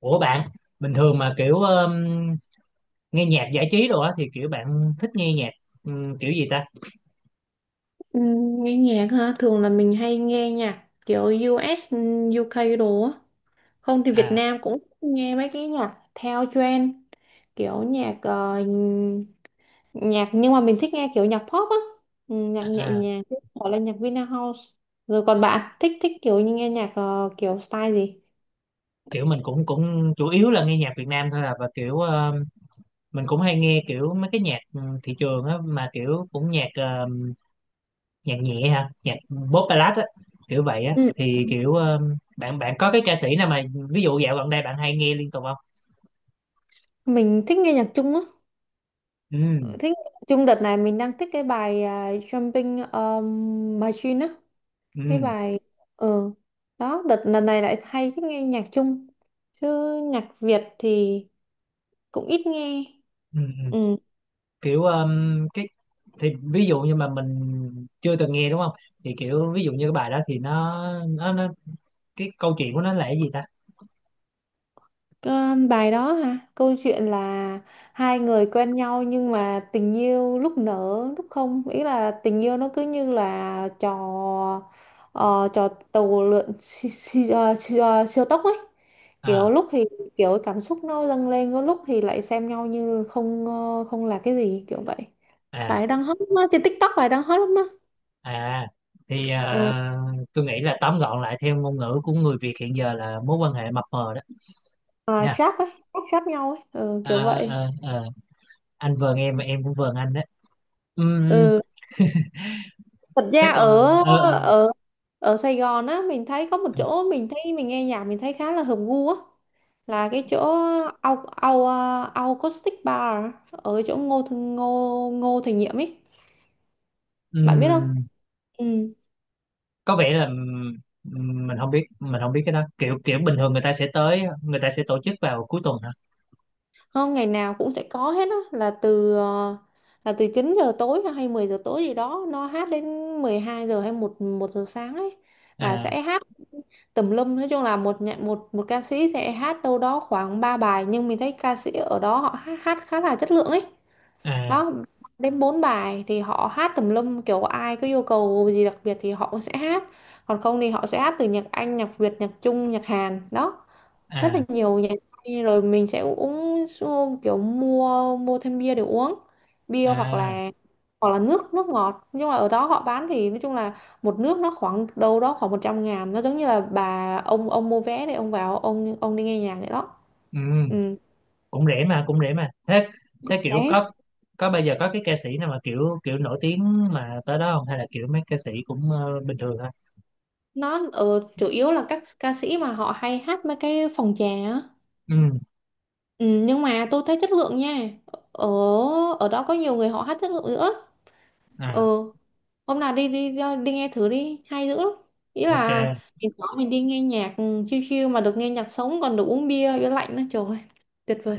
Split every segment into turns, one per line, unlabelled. Ủa bạn, bình thường mà kiểu nghe nhạc giải trí đồ á thì kiểu bạn thích nghe nhạc kiểu gì ta?
Nghe nhạc ha, thường là mình hay nghe nhạc kiểu US, UK đồ á, không thì Việt
À,
Nam cũng nghe mấy cái nhạc theo trend, kiểu nhạc nhưng mà mình thích nghe kiểu nhạc pop á. Nhạc nhẹ
à, à,
nhàng, gọi là nhạc Vina House. Rồi còn bạn thích thích kiểu như nghe nhạc kiểu style gì?
kiểu mình cũng cũng chủ yếu là nghe nhạc Việt Nam thôi à và kiểu mình cũng hay nghe kiểu mấy cái nhạc thị trường á mà kiểu cũng nhạc nhạc nhẹ ha, nhạc pop ballad á, kiểu vậy á
Ừ.
thì kiểu bạn bạn có cái ca sĩ nào mà ví dụ dạo gần đây bạn hay nghe liên tục không?
Mình thích nghe nhạc Trung á,
Ừ,
thích nhạc Trung. Đợt này mình đang thích cái bài Jumping Machine á, cái
ừ,
bài, ừ, đó. Đợt lần này lại hay thích nghe nhạc Trung chứ nhạc Việt thì cũng ít nghe.
ừ, ừ.
Ừ.
Kiểu cái thì ví dụ như mà mình chưa từng nghe đúng không thì kiểu ví dụ như cái bài đó thì nó cái câu chuyện của nó là cái gì ta?
Có bài đó hả? Câu chuyện là hai người quen nhau nhưng mà tình yêu lúc nở lúc không, ý là tình yêu nó cứ như là trò tàu lượn siêu, siêu, siêu, siêu tốc ấy. Kiểu
À,
lúc thì kiểu cảm xúc nó dâng lên, có lúc thì lại xem nhau như không là cái gì kiểu vậy.
à,
Bài đang hot lắm á, trên TikTok, bài đang hot lắm á.
à, thì
Ờ,
à, tôi nghĩ là tóm gọn lại theo ngôn ngữ của người Việt hiện giờ là mối quan hệ mập mờ đó
à,
nha.
sáp ấy, sáp nhau ấy, ừ, kiểu
À,
vậy.
à, à, anh vờn em và em cũng vờn anh đấy. Ừm.
Ừ. Thật
Thế
ra
còn
ở ở ở Sài Gòn á, mình thấy có một chỗ, mình thấy mình nghe nhạc mình thấy khá là hợp gu á, là cái chỗ au au à, au acoustic bar ở chỗ Ngô Thành Ngô Ngô Thành Nhiệm ấy, bạn biết không?
ừm,
Ừ.
có vẻ là mình không biết cái đó kiểu kiểu bình thường người ta sẽ tổ chức vào cuối tuần hả?
Không, ngày nào cũng sẽ có hết á, là là từ 9 giờ tối hay 10 giờ tối gì đó, nó hát đến 12 giờ hay một một giờ sáng ấy. Và
À,
sẽ hát tùm lum, nói chung là một nhận một một ca sĩ sẽ hát đâu đó khoảng 3 bài, nhưng mình thấy ca sĩ ở đó họ hát khá là chất lượng ấy
à,
đó. Đến 4 bài thì họ hát tùm lum, kiểu ai có yêu cầu gì đặc biệt thì họ cũng sẽ hát, còn không thì họ sẽ hát từ nhạc Anh, nhạc Việt, nhạc Trung, nhạc Hàn đó. Rất là
à,
nhiều nhà hàng. Rồi mình sẽ uống kiểu mua mua thêm bia để uống bia, hoặc
à.
là hoặc là nước nước ngọt. Nhưng mà ở đó họ bán thì nói chung là một nước nó khoảng đâu đó khoảng 100.000, nó giống như là bà, ông mua vé để ông vào ông đi nghe nhạc đấy đó.
Ừ,
Ừ.
cũng rẻ mà thế. Thế kiểu
Đấy,
có bây giờ có cái ca sĩ nào mà kiểu kiểu nổi tiếng mà tới đó không hay là kiểu mấy ca sĩ cũng bình thường thôi?
nó ở chủ yếu là các ca sĩ mà họ hay hát mấy cái phòng trà á.
Ừ.
Ừ, nhưng mà tôi thấy chất lượng nha, ở ở đó có nhiều người họ hát chất lượng nữa.
À.
Ừ, hôm nào đi đi đi nghe thử đi, hay dữ lắm. Ý
Ok.
là mình có, mình đi nghe nhạc, ừ, chill chill mà được nghe nhạc sống, còn được uống bia bia lạnh nữa, trời ơi, tuyệt vời.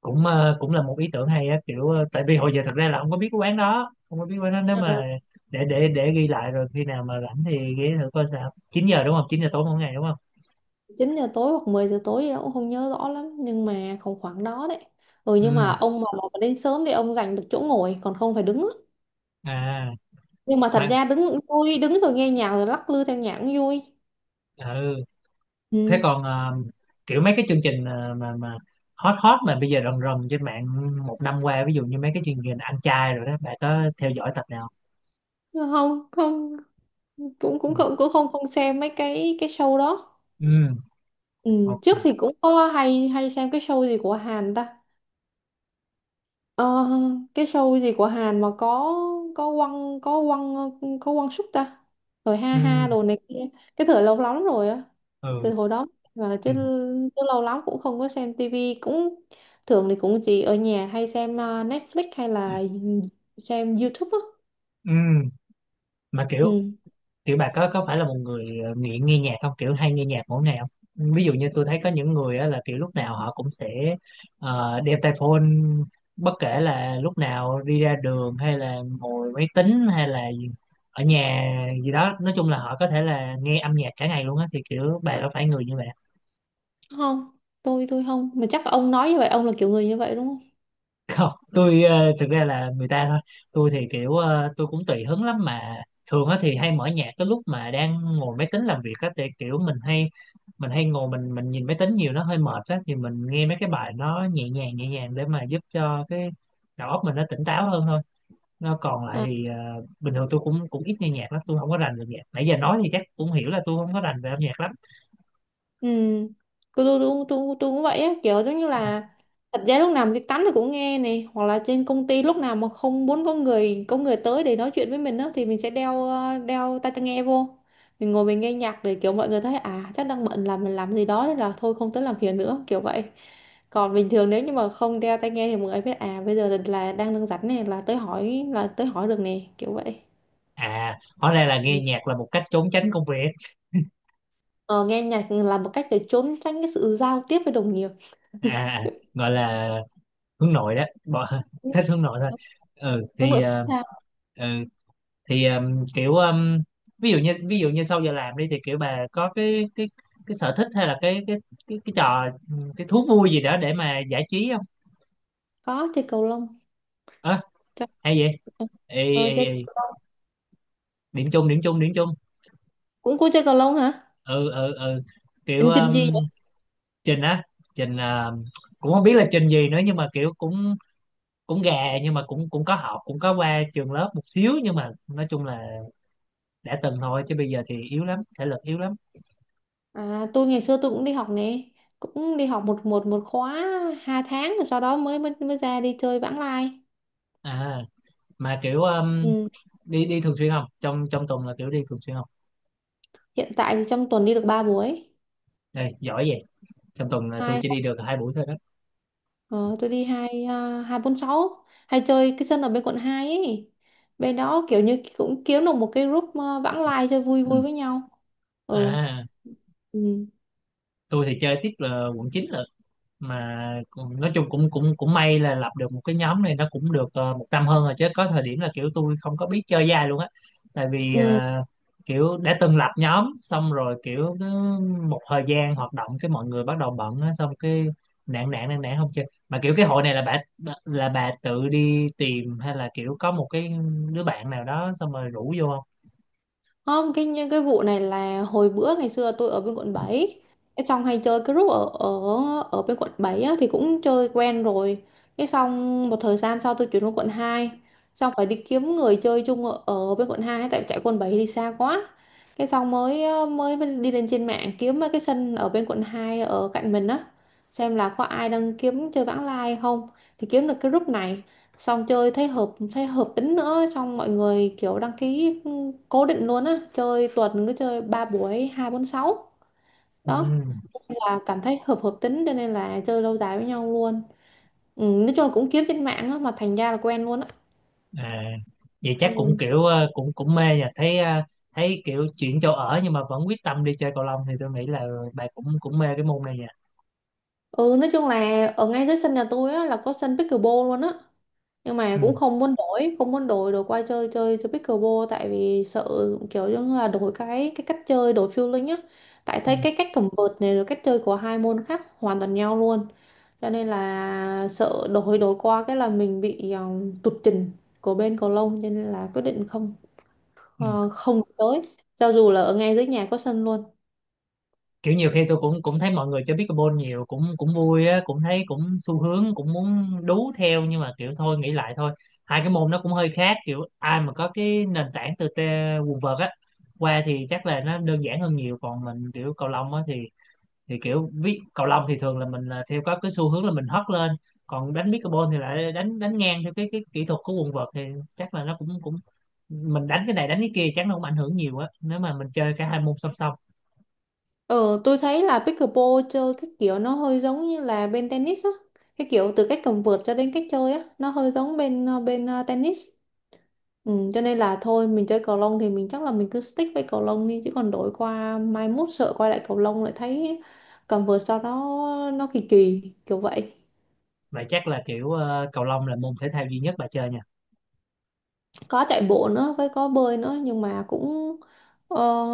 Cũng là một ý tưởng hay á kiểu tại vì hồi giờ thật ra là không có biết cái quán đó không có biết quán đó nếu
Ờ,
mà để ghi lại rồi khi nào mà rảnh thì ghé thử coi sao 9 giờ đúng không 9 giờ tối mỗi ngày đúng không?
9 giờ tối hoặc 10 giờ tối gì đó, cũng không nhớ rõ lắm nhưng mà khoảng khoảng đó đấy. Ừ, nhưng
Ừ.
mà ông mà đến sớm thì ông giành được chỗ ngồi, còn không phải đứng á.
À.
Nhưng mà thật
Mà
ra đứng cũng vui, đứng rồi nghe nhạc rồi lắc lư theo nhạc cũng vui.
ừ. Thế
Ừ.
còn kiểu mấy cái chương trình mà hot hot mà bây giờ rần rần trên mạng một năm qua ví dụ như mấy cái chương trình ăn chay rồi đó bạn có theo dõi tập nào không?
Không, không, cũng cũng không không xem mấy cái show đó.
Ừ,
Ừ, trước
ok.
thì cũng có hay hay xem cái show gì của Hàn ta. Ờ, cái show gì của Hàn mà có quăng có quăng có quăng súc ta, rồi ha
Ừ,
ha đồ này kia. Cái thời lâu lắm rồi á,
ừ,
từ hồi đó mà chứ,
ừ.
chứ lâu lắm cũng không có xem tivi, cũng thường thì cũng chỉ ở nhà hay xem Netflix hay là xem YouTube á.
Ừ. Mà kiểu
Ừ.
kiểu bà có phải là một người nghiện nghe nhạc không kiểu hay nghe nhạc mỗi ngày không? Ví dụ như tôi thấy có những người á, là kiểu lúc nào họ cũng sẽ đeo tai phone bất kể là lúc nào đi ra đường hay là ngồi máy tính hay là ở nhà gì đó nói chung là họ có thể là nghe âm nhạc cả ngày luôn á thì kiểu bà có phải người như vậy?
Không, tôi không, mà chắc ông nói như vậy ông là kiểu người như vậy đúng không?
Không, tôi thực ra là người ta thôi. Tôi thì kiểu tôi cũng tùy hứng lắm mà. Thường á thì hay mở nhạc cái lúc mà đang ngồi máy tính làm việc á thì kiểu mình hay ngồi mình nhìn máy tính nhiều nó hơi mệt á thì mình nghe mấy cái bài nó nhẹ nhàng để mà giúp cho cái đầu óc mình nó tỉnh táo hơn thôi. Nó còn lại thì bình thường tôi cũng cũng ít nghe nhạc lắm, tôi không có rành về nhạc, nãy giờ nói thì chắc cũng hiểu là tôi không có rành về âm nhạc lắm.
Ừ, tôi cũng vậy á, kiểu giống như là thật ra lúc nào mình đi tắm thì cũng nghe này, hoặc là trên công ty lúc nào mà không muốn có người tới để nói chuyện với mình á, thì mình sẽ đeo tai tai nghe vô. Mình ngồi mình nghe nhạc để kiểu mọi người thấy à chắc đang bận, làm mình làm gì đó nên là thôi không tới làm phiền nữa, kiểu vậy. Còn bình thường nếu như mà không đeo tai nghe thì mọi người biết à bây giờ là đang đang rảnh này, là tới hỏi, là tới hỏi được nè, kiểu vậy.
À, hóa ra là nghe
Ừ.
nhạc là một cách trốn tránh công việc.
Ờ, nghe nhạc là một cách để trốn tránh cái sự giao tiếp với đồng nghiệp.
À, gọi là hướng nội đó bỏ
Đúng,
thích hướng nội thôi. Ừ
đúng, đúng
thì
rồi.
ừ, thì kiểu ví dụ như sau giờ làm đi thì kiểu bà có cái sở thích hay là cái trò ừ, cái thú vui gì đó để mà giải trí không?
Có chơi cầu lông.
Ờ,
chơi
hay vậy. Ê,
ờ,
ê,
chơi
ê.
cầu lông.
Điểm chung điểm chung điểm chung.
Cũng có chơi cầu lông hả?
Ừ, ừ, ừ, kiểu
Trình trình gì vậy?
trình á trình cũng không biết là trình gì nữa nhưng mà kiểu cũng cũng gà nhưng mà cũng cũng có học cũng có qua trường lớp một xíu nhưng mà nói chung là đã từng thôi chứ bây giờ thì yếu lắm, thể lực yếu lắm.
À, tôi ngày xưa tôi cũng đi học nè, cũng đi học một một một khóa 2 tháng rồi sau đó mới mới mới ra đi chơi vãng lai.
À mà kiểu
Ừ.
đi đi thường xuyên không trong trong tuần là kiểu đi thường xuyên không?
Hiện tại thì trong tuần đi được ba buổi,
Đây giỏi vậy. Trong tuần là tôi
hai
chỉ đi được 2 buổi thôi đó.
ờ, tôi đi hai bốn sáu, hay chơi cái sân ở bên quận hai ấy. Bên đó kiểu như cũng kiếm được một cái group, à, vãng lai chơi vui
Ừ.
vui với nhau. Ừ.
À,
Ừ,
tôi thì chơi tiếp là quận 9 lận. Mà nói chung cũng cũng cũng may là lập được một cái nhóm này nó cũng được một năm hơn rồi chứ có thời điểm là kiểu tôi không có biết chơi với ai luôn á. Tại vì
ừ.
kiểu đã từng lập nhóm xong rồi kiểu cứ một thời gian hoạt động cái mọi người bắt đầu bận á xong cái nản nản nản nản không chơi mà kiểu cái hội này là bà tự đi tìm hay là kiểu có một cái đứa bạn nào đó xong rồi rủ vô không?
Không, cái vụ này là hồi bữa ngày xưa tôi ở bên quận bảy. Cái xong hay chơi cái group ở, ở bên quận 7 á, thì cũng chơi quen rồi. Cái xong một thời gian sau tôi chuyển qua quận hai. Xong phải đi kiếm người chơi chung ở bên quận hai, tại chạy quận 7 thì xa quá. Cái xong mới đi lên trên mạng kiếm mấy cái sân ở bên quận 2 ở cạnh mình á, xem là có ai đang kiếm chơi vãng lai không. Thì kiếm được cái group này, xong chơi thấy hợp tính nữa, xong mọi người kiểu đăng ký, cố định luôn á, chơi tuần cứ chơi ba buổi hai bốn sáu
Ừ.
đó. Nên là cảm thấy hợp hợp tính, cho nên là chơi lâu dài với nhau luôn. Ừ, nói chung là cũng kiếm trên mạng á mà thành ra là quen luôn á.
À, vậy
Ừ.
chắc cũng kiểu cũng cũng mê nha, thấy thấy kiểu chuyển chỗ ở nhưng mà vẫn quyết tâm đi chơi cầu lông thì tôi nghĩ là bà cũng cũng mê cái môn này nha.
Ừ, nói chung là ở ngay dưới sân nhà tôi á là có sân pickleball luôn á, nhưng mà cũng
Ừ,
không muốn đổi đổi qua chơi chơi chơi pickleball, tại vì sợ kiểu như là đổi cái cách chơi, đổi feeling á. Tại
ừ,
thấy cái cách cầm vợt này rồi cách chơi của hai môn khác hoàn toàn nhau luôn, cho nên là sợ đổi đổi qua cái là mình bị, tụt trình của bên cầu lông, cho nên là quyết định
ừ.
không tới, cho dù là ở ngay dưới nhà có sân luôn.
Kiểu nhiều khi tôi cũng cũng thấy mọi người chơi pickleball nhiều cũng cũng vui á cũng thấy cũng xu hướng cũng muốn đú theo nhưng mà kiểu thôi nghĩ lại thôi. Hai cái môn nó cũng hơi khác kiểu ai mà có cái nền tảng từ quần vợt á qua thì chắc là nó đơn giản hơn nhiều còn mình kiểu cầu lông á thì kiểu ví cầu lông thì thường là mình là theo có cái xu hướng là mình hất lên. Còn đánh pickleball thì lại đánh đánh ngang theo cái kỹ thuật của quần vợt thì chắc là nó cũng cũng mình đánh cái này đánh cái kia chắc nó cũng ảnh hưởng nhiều á nếu mà mình chơi cả hai môn song song.
Ờ, tôi thấy là pickleball chơi cái kiểu nó hơi giống như là bên tennis á. Cái kiểu từ cách cầm vợt cho đến cách chơi á, nó hơi giống tennis. Ừ, cho nên là thôi mình chơi cầu lông thì mình chắc là mình cứ stick với cầu lông đi, chứ còn đổi qua mai mốt sợ quay lại cầu lông lại thấy cầm vợt sau đó nó kỳ kỳ kiểu vậy.
Vậy chắc là kiểu cầu lông là môn thể thao duy nhất bà chơi nha.
Có chạy bộ nữa với có bơi nữa, nhưng mà cũng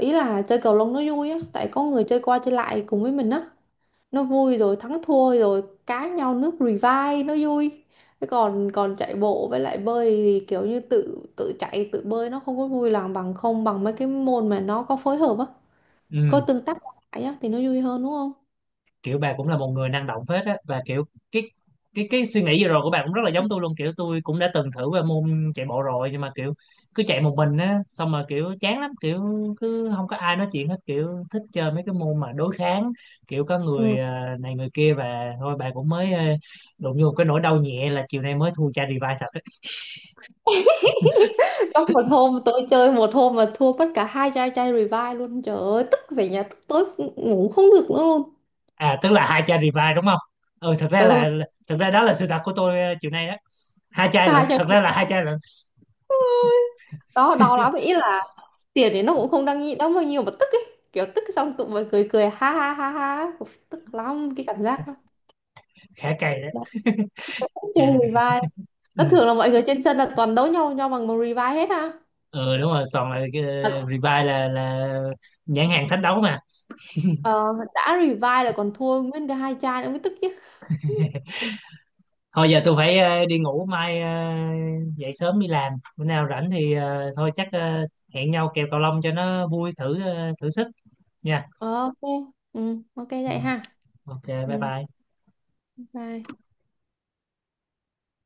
ý là chơi cầu lông nó vui á, tại có người chơi qua chơi lại cùng với mình á, nó vui rồi thắng thua rồi cá nhau nước revive nó vui. Thế còn còn chạy bộ với lại bơi thì kiểu như tự tự chạy tự bơi, nó không có vui lòng bằng, không bằng mấy cái môn mà nó có phối hợp á, có
Ừ,
tương tác qua lại á thì nó vui hơn đúng không?
kiểu bà cũng là một người năng động phết á và kiểu cái cái suy nghĩ vừa rồi của bà cũng rất là giống tôi luôn, kiểu tôi cũng đã từng thử qua môn chạy bộ rồi nhưng mà kiểu cứ chạy một mình á xong mà kiểu chán lắm, kiểu cứ không có ai nói chuyện hết, kiểu thích chơi mấy cái môn mà đối kháng, kiểu có người
Ừ.
à, này người kia và thôi bà cũng mới à, đụng vô một cái nỗi đau nhẹ là chiều nay mới thua cha revive thật á.
Trong một hôm tôi chơi, một hôm mà thua mất cả hai chai chai revive luôn, trời ơi, tức, về nhà tức tối ngủ không được nữa luôn.
À, tức là hai cha revive đúng không? Ừ, thật ra
Ừ,
là thật ra đó là sự thật của tôi à, chiều nay đó, 2 chai
hai
lận,
chai,
thật ra là 2 chai lận.
đó đau lắm. Ý là tiền thì nó cũng không đáng nghĩ đâu bao nhiêu, mà tức ấy, kiểu tức xong tụi mình cười cười ha ha ha ha, Uf, tức lắm cái cảm giác đó.
Khá cày đó
Đó, cũng chơi revive,
ừ.
nó thường là mọi người trên sân là toàn đấu nhau nhau bằng một revive hết ha.
Ừ, đúng rồi, toàn là cái
Mà,
revive là nhãn hàng thách đấu mà.
ờ, đã revive là còn thua nguyên cái hai chai nữa mới tức chứ.
Thôi giờ tôi phải đi ngủ, mai dậy sớm đi làm, bữa nào rảnh thì thôi chắc hẹn nhau kèo cầu lông cho nó vui, thử thử sức nha.
Ờ, ok. Ừ, ok
Ừ.
vậy ha.
Ok, bye
Ừ,
bye.
bye.